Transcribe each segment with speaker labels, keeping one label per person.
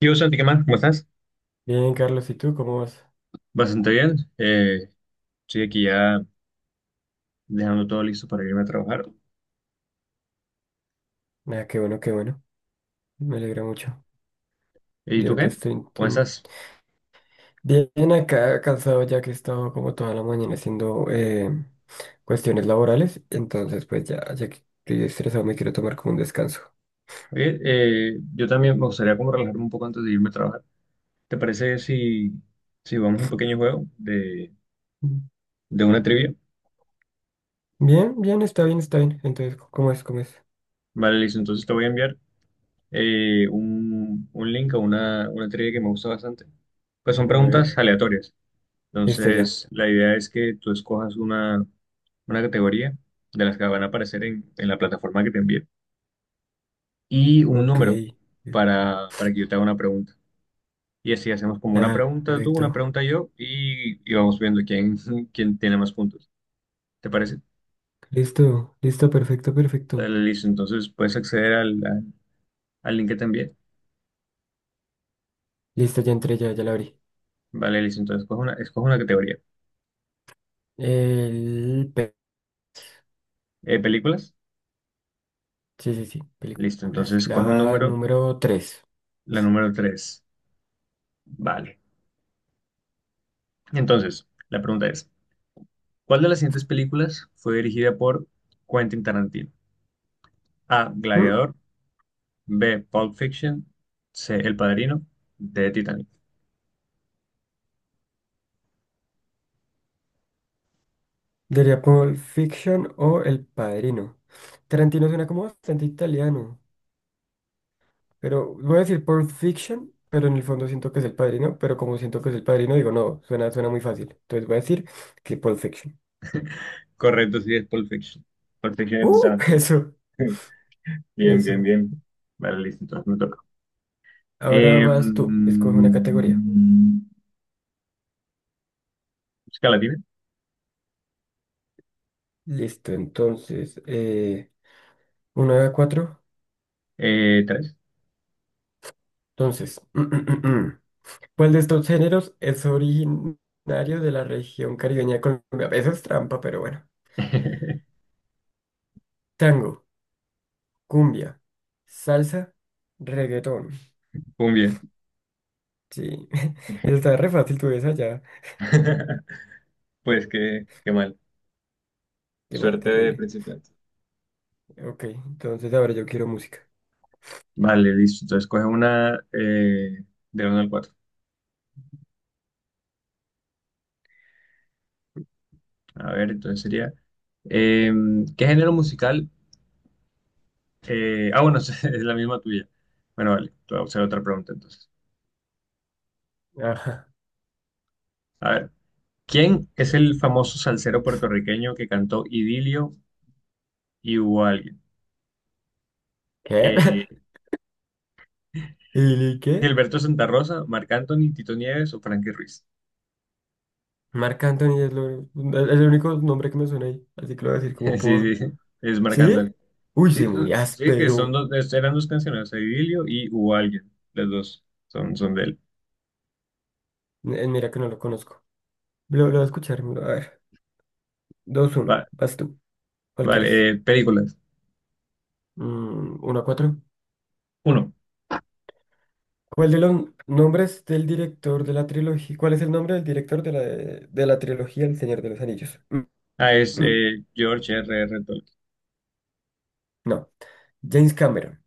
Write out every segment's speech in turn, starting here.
Speaker 1: Yo, Santi, ¿qué más? ¿Cómo estás?
Speaker 2: Bien, Carlos, ¿y tú cómo vas?
Speaker 1: Bastante bien. Estoy aquí ya dejando todo listo para irme a trabajar.
Speaker 2: Nada, qué bueno, qué bueno. Me alegra mucho.
Speaker 1: ¿Y tú
Speaker 2: Yo que
Speaker 1: qué?
Speaker 2: estoy
Speaker 1: ¿Cómo
Speaker 2: inten-
Speaker 1: estás?
Speaker 2: Bien acá, cansado ya que he estado como toda la mañana haciendo cuestiones laborales. Entonces, pues ya, ya que estoy estresado, me quiero tomar como un descanso.
Speaker 1: Oye, yo también me gustaría como relajarme un poco antes de irme a trabajar. ¿Te parece si vamos a un pequeño juego de,
Speaker 2: Mm.
Speaker 1: de una trivia?
Speaker 2: Bien, bien, está bien, está bien. Entonces, ¿cómo es? ¿Cómo es?
Speaker 1: Vale, listo. Entonces te voy a enviar un link a una trivia que me gusta bastante. Pues son
Speaker 2: A ver,
Speaker 1: preguntas aleatorias.
Speaker 2: listo ya.
Speaker 1: Entonces, la idea es que tú escojas una categoría de las que van a aparecer en la plataforma que te envíe y un
Speaker 2: Ok.
Speaker 1: número para que yo te haga una pregunta. Y así hacemos como una
Speaker 2: Ah,
Speaker 1: pregunta tú, una
Speaker 2: perfecto.
Speaker 1: pregunta yo y vamos viendo quién, quién tiene más puntos. ¿Te parece?
Speaker 2: Listo, listo, perfecto, perfecto.
Speaker 1: Dale, listo. Entonces puedes acceder al link que te envié.
Speaker 2: Listo, ya entré, ya, ya la abrí.
Speaker 1: Vale, listo. Entonces escoge una categoría.
Speaker 2: El.
Speaker 1: ¿Películas?
Speaker 2: Sí, sí, sí,
Speaker 1: Listo.
Speaker 2: películas.
Speaker 1: Entonces coge un
Speaker 2: La
Speaker 1: número,
Speaker 2: número 3.
Speaker 1: la número tres. Vale. Entonces, la pregunta es, ¿cuál de las siguientes películas fue dirigida por Quentin Tarantino? A. Gladiador. B. Pulp Fiction. C. El Padrino. D. Titanic.
Speaker 2: Diría Pulp Fiction o El Padrino. Tarantino suena como bastante italiano, pero voy a decir Pulp Fiction, pero en el fondo siento que es El Padrino, pero como siento que es El Padrino, digo, no, suena muy fácil. Entonces voy a decir que Pulp Fiction.
Speaker 1: Correcto, sí, es Pulp Fiction. Pulp Fiction es de
Speaker 2: ¡Uh!
Speaker 1: Tarantino.
Speaker 2: Eso,
Speaker 1: Bien, bien,
Speaker 2: eso.
Speaker 1: bien. Vale, listo, entonces me toca.
Speaker 2: Ahora vas tú, escoge una categoría.
Speaker 1: Música latina.
Speaker 2: Listo, entonces, 1 a 4.
Speaker 1: Tres.
Speaker 2: Entonces, ¿cuál de estos géneros es originario de la región caribeña de Colombia? Eso es trampa, pero bueno. Tango, cumbia, salsa, reggaetón.
Speaker 1: Muy bien.
Speaker 2: Sí, eso está re fácil, tú ves allá.
Speaker 1: Pues qué mal.
Speaker 2: Qué mal,
Speaker 1: Suerte de
Speaker 2: terrible.
Speaker 1: principiante.
Speaker 2: Ok, entonces ahora yo quiero música.
Speaker 1: Vale, listo. Entonces coge una del uno al 4. A ver, entonces sería. eh, ¿Qué género musical? Ah, bueno, es la misma tuya. Bueno, vale, te voy a hacer otra pregunta entonces.
Speaker 2: Ajá.
Speaker 1: A ver, ¿quién es el famoso salsero puertorriqueño que cantó Idilio y hubo alguien?
Speaker 2: ¿Qué?
Speaker 1: Eh,
Speaker 2: ¿Y qué?
Speaker 1: Gilberto Santa Rosa, Marc Anthony, Tito Nieves o Frankie Ruiz.
Speaker 2: Marc Anthony es el único nombre que me suena ahí, así que lo voy a decir como
Speaker 1: Sí, sí,
Speaker 2: por...
Speaker 1: sí, es Marc
Speaker 2: ¿Sí?
Speaker 1: Anthony.
Speaker 2: Uy, sí,
Speaker 1: Sí,
Speaker 2: muy
Speaker 1: sí, que son
Speaker 2: áspero.
Speaker 1: dos, eran dos canciones, Idilio y hubo alguien. Las dos son de él.
Speaker 2: Mira que no lo conozco. Lo voy a escuchar, a ver. Dos
Speaker 1: Va-
Speaker 2: uno, vas tú. ¿Cuál quieres?
Speaker 1: vale, películas.
Speaker 2: Mm, uno a cuatro.
Speaker 1: Uno.
Speaker 2: ¿Cuál de los nombres del director de la trilogía? ¿Cuál es el nombre del director de la trilogía El Señor de los Anillos? Mm,
Speaker 1: Ah, es
Speaker 2: mm,
Speaker 1: George R. R. Tolkien.
Speaker 2: no. James Cameron,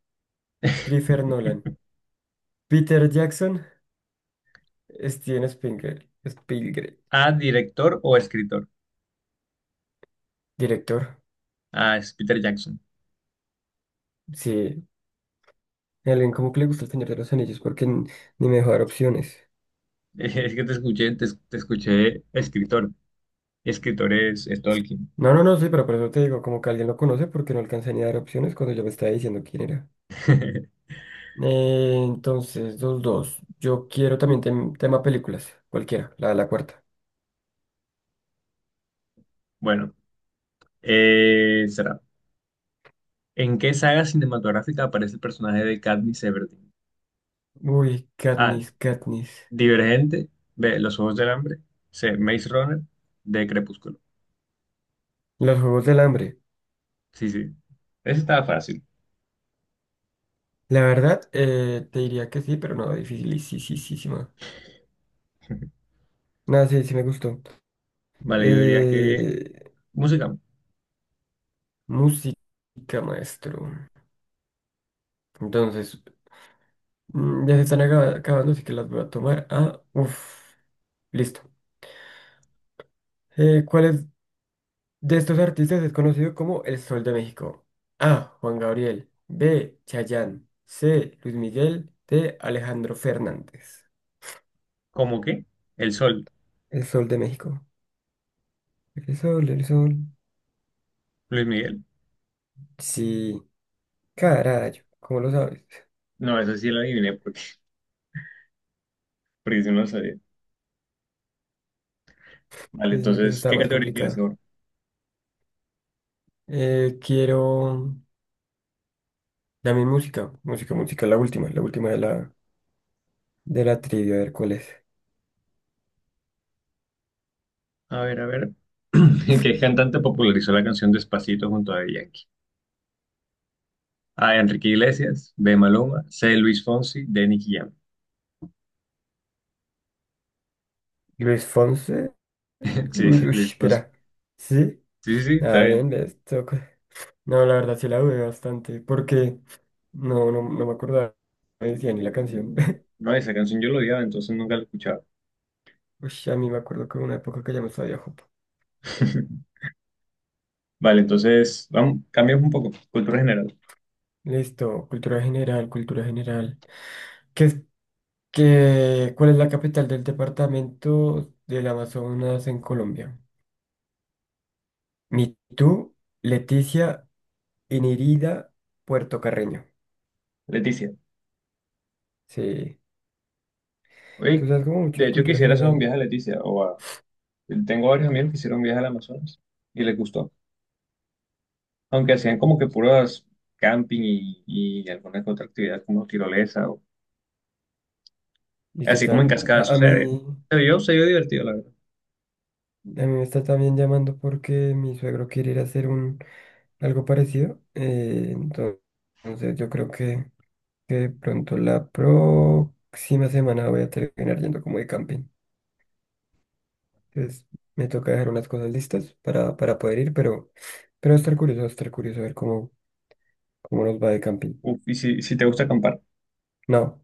Speaker 2: Christopher Nolan, Peter Jackson, Steven Spielberg. Spielberg.
Speaker 1: A, director o escritor.
Speaker 2: Director.
Speaker 1: Ah, es Peter Jackson.
Speaker 2: Sí. A alguien como que le gusta El Señor de los Anillos porque ni me dejó dar opciones.
Speaker 1: Es que te escuché, te escuché escritor. Escritor es Tolkien.
Speaker 2: No, no, no, sí, pero por eso te digo, como que alguien lo conoce porque no alcanza ni a dar opciones cuando yo me estaba diciendo quién era. Entonces, dos, dos. Yo quiero también tema películas, cualquiera, la cuarta.
Speaker 1: Bueno, será. ¿En qué saga cinematográfica aparece el personaje de Katniss Everdeen?
Speaker 2: Uy,
Speaker 1: A.
Speaker 2: Katniss, Katniss.
Speaker 1: Divergente. B. Los Ojos del Hambre. C. Maze Runner. D. Crepúsculo.
Speaker 2: Los Juegos del Hambre.
Speaker 1: Sí, sí. Ese estaba fácil.
Speaker 2: La verdad, te diría que sí, pero no, dificilísima. Nada, sí, sí me gustó.
Speaker 1: Vale, yo diría que
Speaker 2: Eh,
Speaker 1: música.
Speaker 2: música, maestro. Entonces, mm, ya se están acabando, así que las voy a tomar. Ah, uff, listo. ¿Cuál es? De estos artistas es conocido como el Sol de México. A. Juan Gabriel. B. Chayanne. C. Luis Miguel. D. Alejandro Fernández.
Speaker 1: ¿Cómo qué? El Sol,
Speaker 2: El Sol de México. El sol, el sol.
Speaker 1: Luis Miguel.
Speaker 2: Sí. Carayo. ¿Cómo lo sabes?
Speaker 1: No, esa sí la adiviné porque sí no lo sabía. Vale,
Speaker 2: Estoy diciendo que eso
Speaker 1: entonces,
Speaker 2: estaba
Speaker 1: ¿qué
Speaker 2: más
Speaker 1: categoría quieres
Speaker 2: complicado.
Speaker 1: ahora?
Speaker 2: Quiero... Dame música. Música, música. La última. La última de la trivia. A ver cuál es.
Speaker 1: A ver, a ver. ¿Qué cantante popularizó la canción Despacito junto a Daddy Yankee? A. Enrique Iglesias, B. Maluma, C. Luis Fonsi, D. Nicky Jam.
Speaker 2: Luis Fonse.
Speaker 1: Sí,
Speaker 2: Luis... uy,
Speaker 1: Luis Fonsi.
Speaker 2: espera. Sí.
Speaker 1: Sí, sí, sí, está
Speaker 2: Ah,
Speaker 1: bien.
Speaker 2: bien. Les toca. No, la verdad sí la dudé bastante, porque no me acordaba, no me decía ni la canción.
Speaker 1: No, esa canción yo lo odiaba, entonces nunca la escuchaba.
Speaker 2: Uy, a mí me acuerdo que hubo una época que ya me sabía Jopo.
Speaker 1: Vale, entonces, vamos, cambiamos un poco. Cultura general.
Speaker 2: Listo, cultura general, cultura general. ¿Qué es, cuál es la capital del departamento del Amazonas en Colombia? Mitú, Leticia, Inirida, Puerto Carreño.
Speaker 1: Leticia.
Speaker 2: Sí, tú
Speaker 1: Oye,
Speaker 2: sabes como mucho
Speaker 1: de
Speaker 2: de
Speaker 1: hecho
Speaker 2: cultura
Speaker 1: quisiera hacer un
Speaker 2: general.
Speaker 1: viaje a Leticia. Tengo varios amigos que hicieron un viaje al Amazonas y les gustó. Aunque hacían como que puras camping y alguna que otra actividad como tirolesa o
Speaker 2: ¿Y qué
Speaker 1: así como en
Speaker 2: tal?
Speaker 1: cascada sucede. Pero yo se vio divertido, la verdad.
Speaker 2: A mí me está también llamando porque mi suegro quiere ir a hacer un algo parecido. Eh, entonces, yo creo que de pronto la próxima semana voy a terminar yendo como de camping. Entonces, me toca dejar unas cosas listas para poder ir, pero va a estar curioso, va a estar curioso a ver cómo, cómo nos va de camping.
Speaker 1: Uf, y si te gusta acampar.
Speaker 2: No,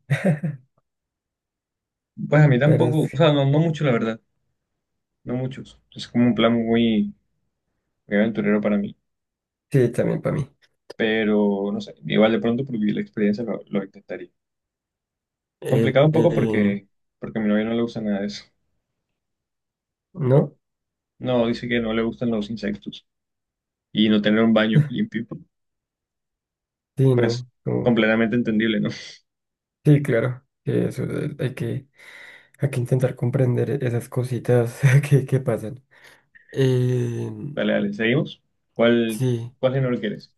Speaker 1: Pues a mí
Speaker 2: la verdad
Speaker 1: tampoco,
Speaker 2: es
Speaker 1: o sea, no mucho, la verdad, no muchos. Es como un plan muy, muy aventurero para mí,
Speaker 2: que sí, también para mí.
Speaker 1: pero no sé, igual de pronto por vivir la experiencia lo intentaría.
Speaker 2: Eh,
Speaker 1: Complicado un poco
Speaker 2: eh,
Speaker 1: porque a mi novia no le gusta nada de eso.
Speaker 2: ¿No?
Speaker 1: No, dice que no le gustan los insectos y no tener un baño limpio.
Speaker 2: Sí,
Speaker 1: Pero es
Speaker 2: no,
Speaker 1: completamente entendible, ¿no?
Speaker 2: sí, claro, que eso, hay que intentar comprender esas cositas que pasan. Eh,
Speaker 1: Dale, dale, seguimos. ¿Cuál,
Speaker 2: sí.
Speaker 1: cuál género quieres?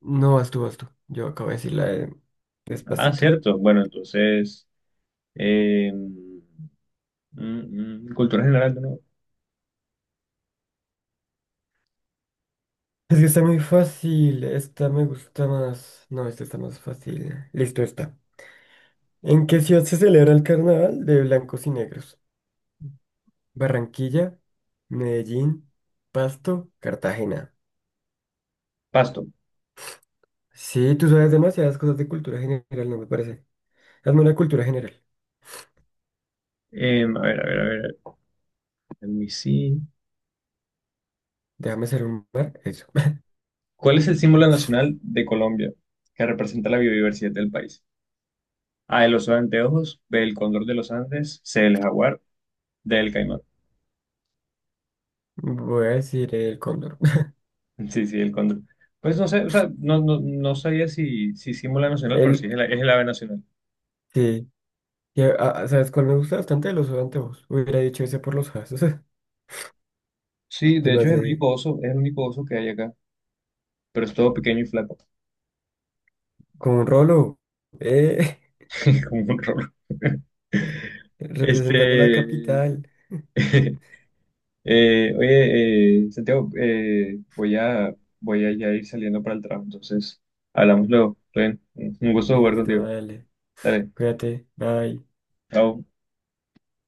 Speaker 2: No, vas tú, vas tú. Yo acabo de decir la de
Speaker 1: Ah,
Speaker 2: despacito.
Speaker 1: cierto. Bueno, entonces, eh, mm, cultura general, ¿no?
Speaker 2: Es que está muy fácil. Esta me gusta más. No, esta está más fácil. Listo, está. ¿En qué ciudad se celebra el carnaval de blancos y negros? Barranquilla, Medellín, Pasto, Cartagena.
Speaker 1: Pasto.
Speaker 2: Sí, tú sabes demasiadas cosas de cultura general, no me parece. Hazme una cultura general.
Speaker 1: A ver, a ver, a ver, let me see.
Speaker 2: Déjame ser un mar. Eso.
Speaker 1: ¿Cuál es el símbolo nacional de Colombia que representa la biodiversidad del país? A, el oso de anteojos, B, el cóndor de los Andes, C, el jaguar, D, el caimán.
Speaker 2: Voy a decir el cóndor.
Speaker 1: Sí, sí, el cóndor. Pues no sé, o sea, no sabía si símbolo nacional, pero sí
Speaker 2: El.
Speaker 1: es el, ave nacional.
Speaker 2: Sí. Y, ah, ¿sabes cuál me gusta bastante? Los anteojos. Hubiera dicho ese por los jazos.
Speaker 1: Sí,
Speaker 2: Se
Speaker 1: de
Speaker 2: me
Speaker 1: hecho es el
Speaker 2: hace
Speaker 1: único oso, es el único oso que hay acá, pero es todo pequeño y flaco,
Speaker 2: con un rolo. Eh,
Speaker 1: como un rolo.
Speaker 2: representando la
Speaker 1: Este,
Speaker 2: capital.
Speaker 1: Oye, Santiago, voy a, ya ir saliendo para el trabajo, entonces hablamos luego. Está bien. Un gusto jugar
Speaker 2: Listo,
Speaker 1: contigo.
Speaker 2: dale.
Speaker 1: Dale,
Speaker 2: Cuídate. Bye.
Speaker 1: chao.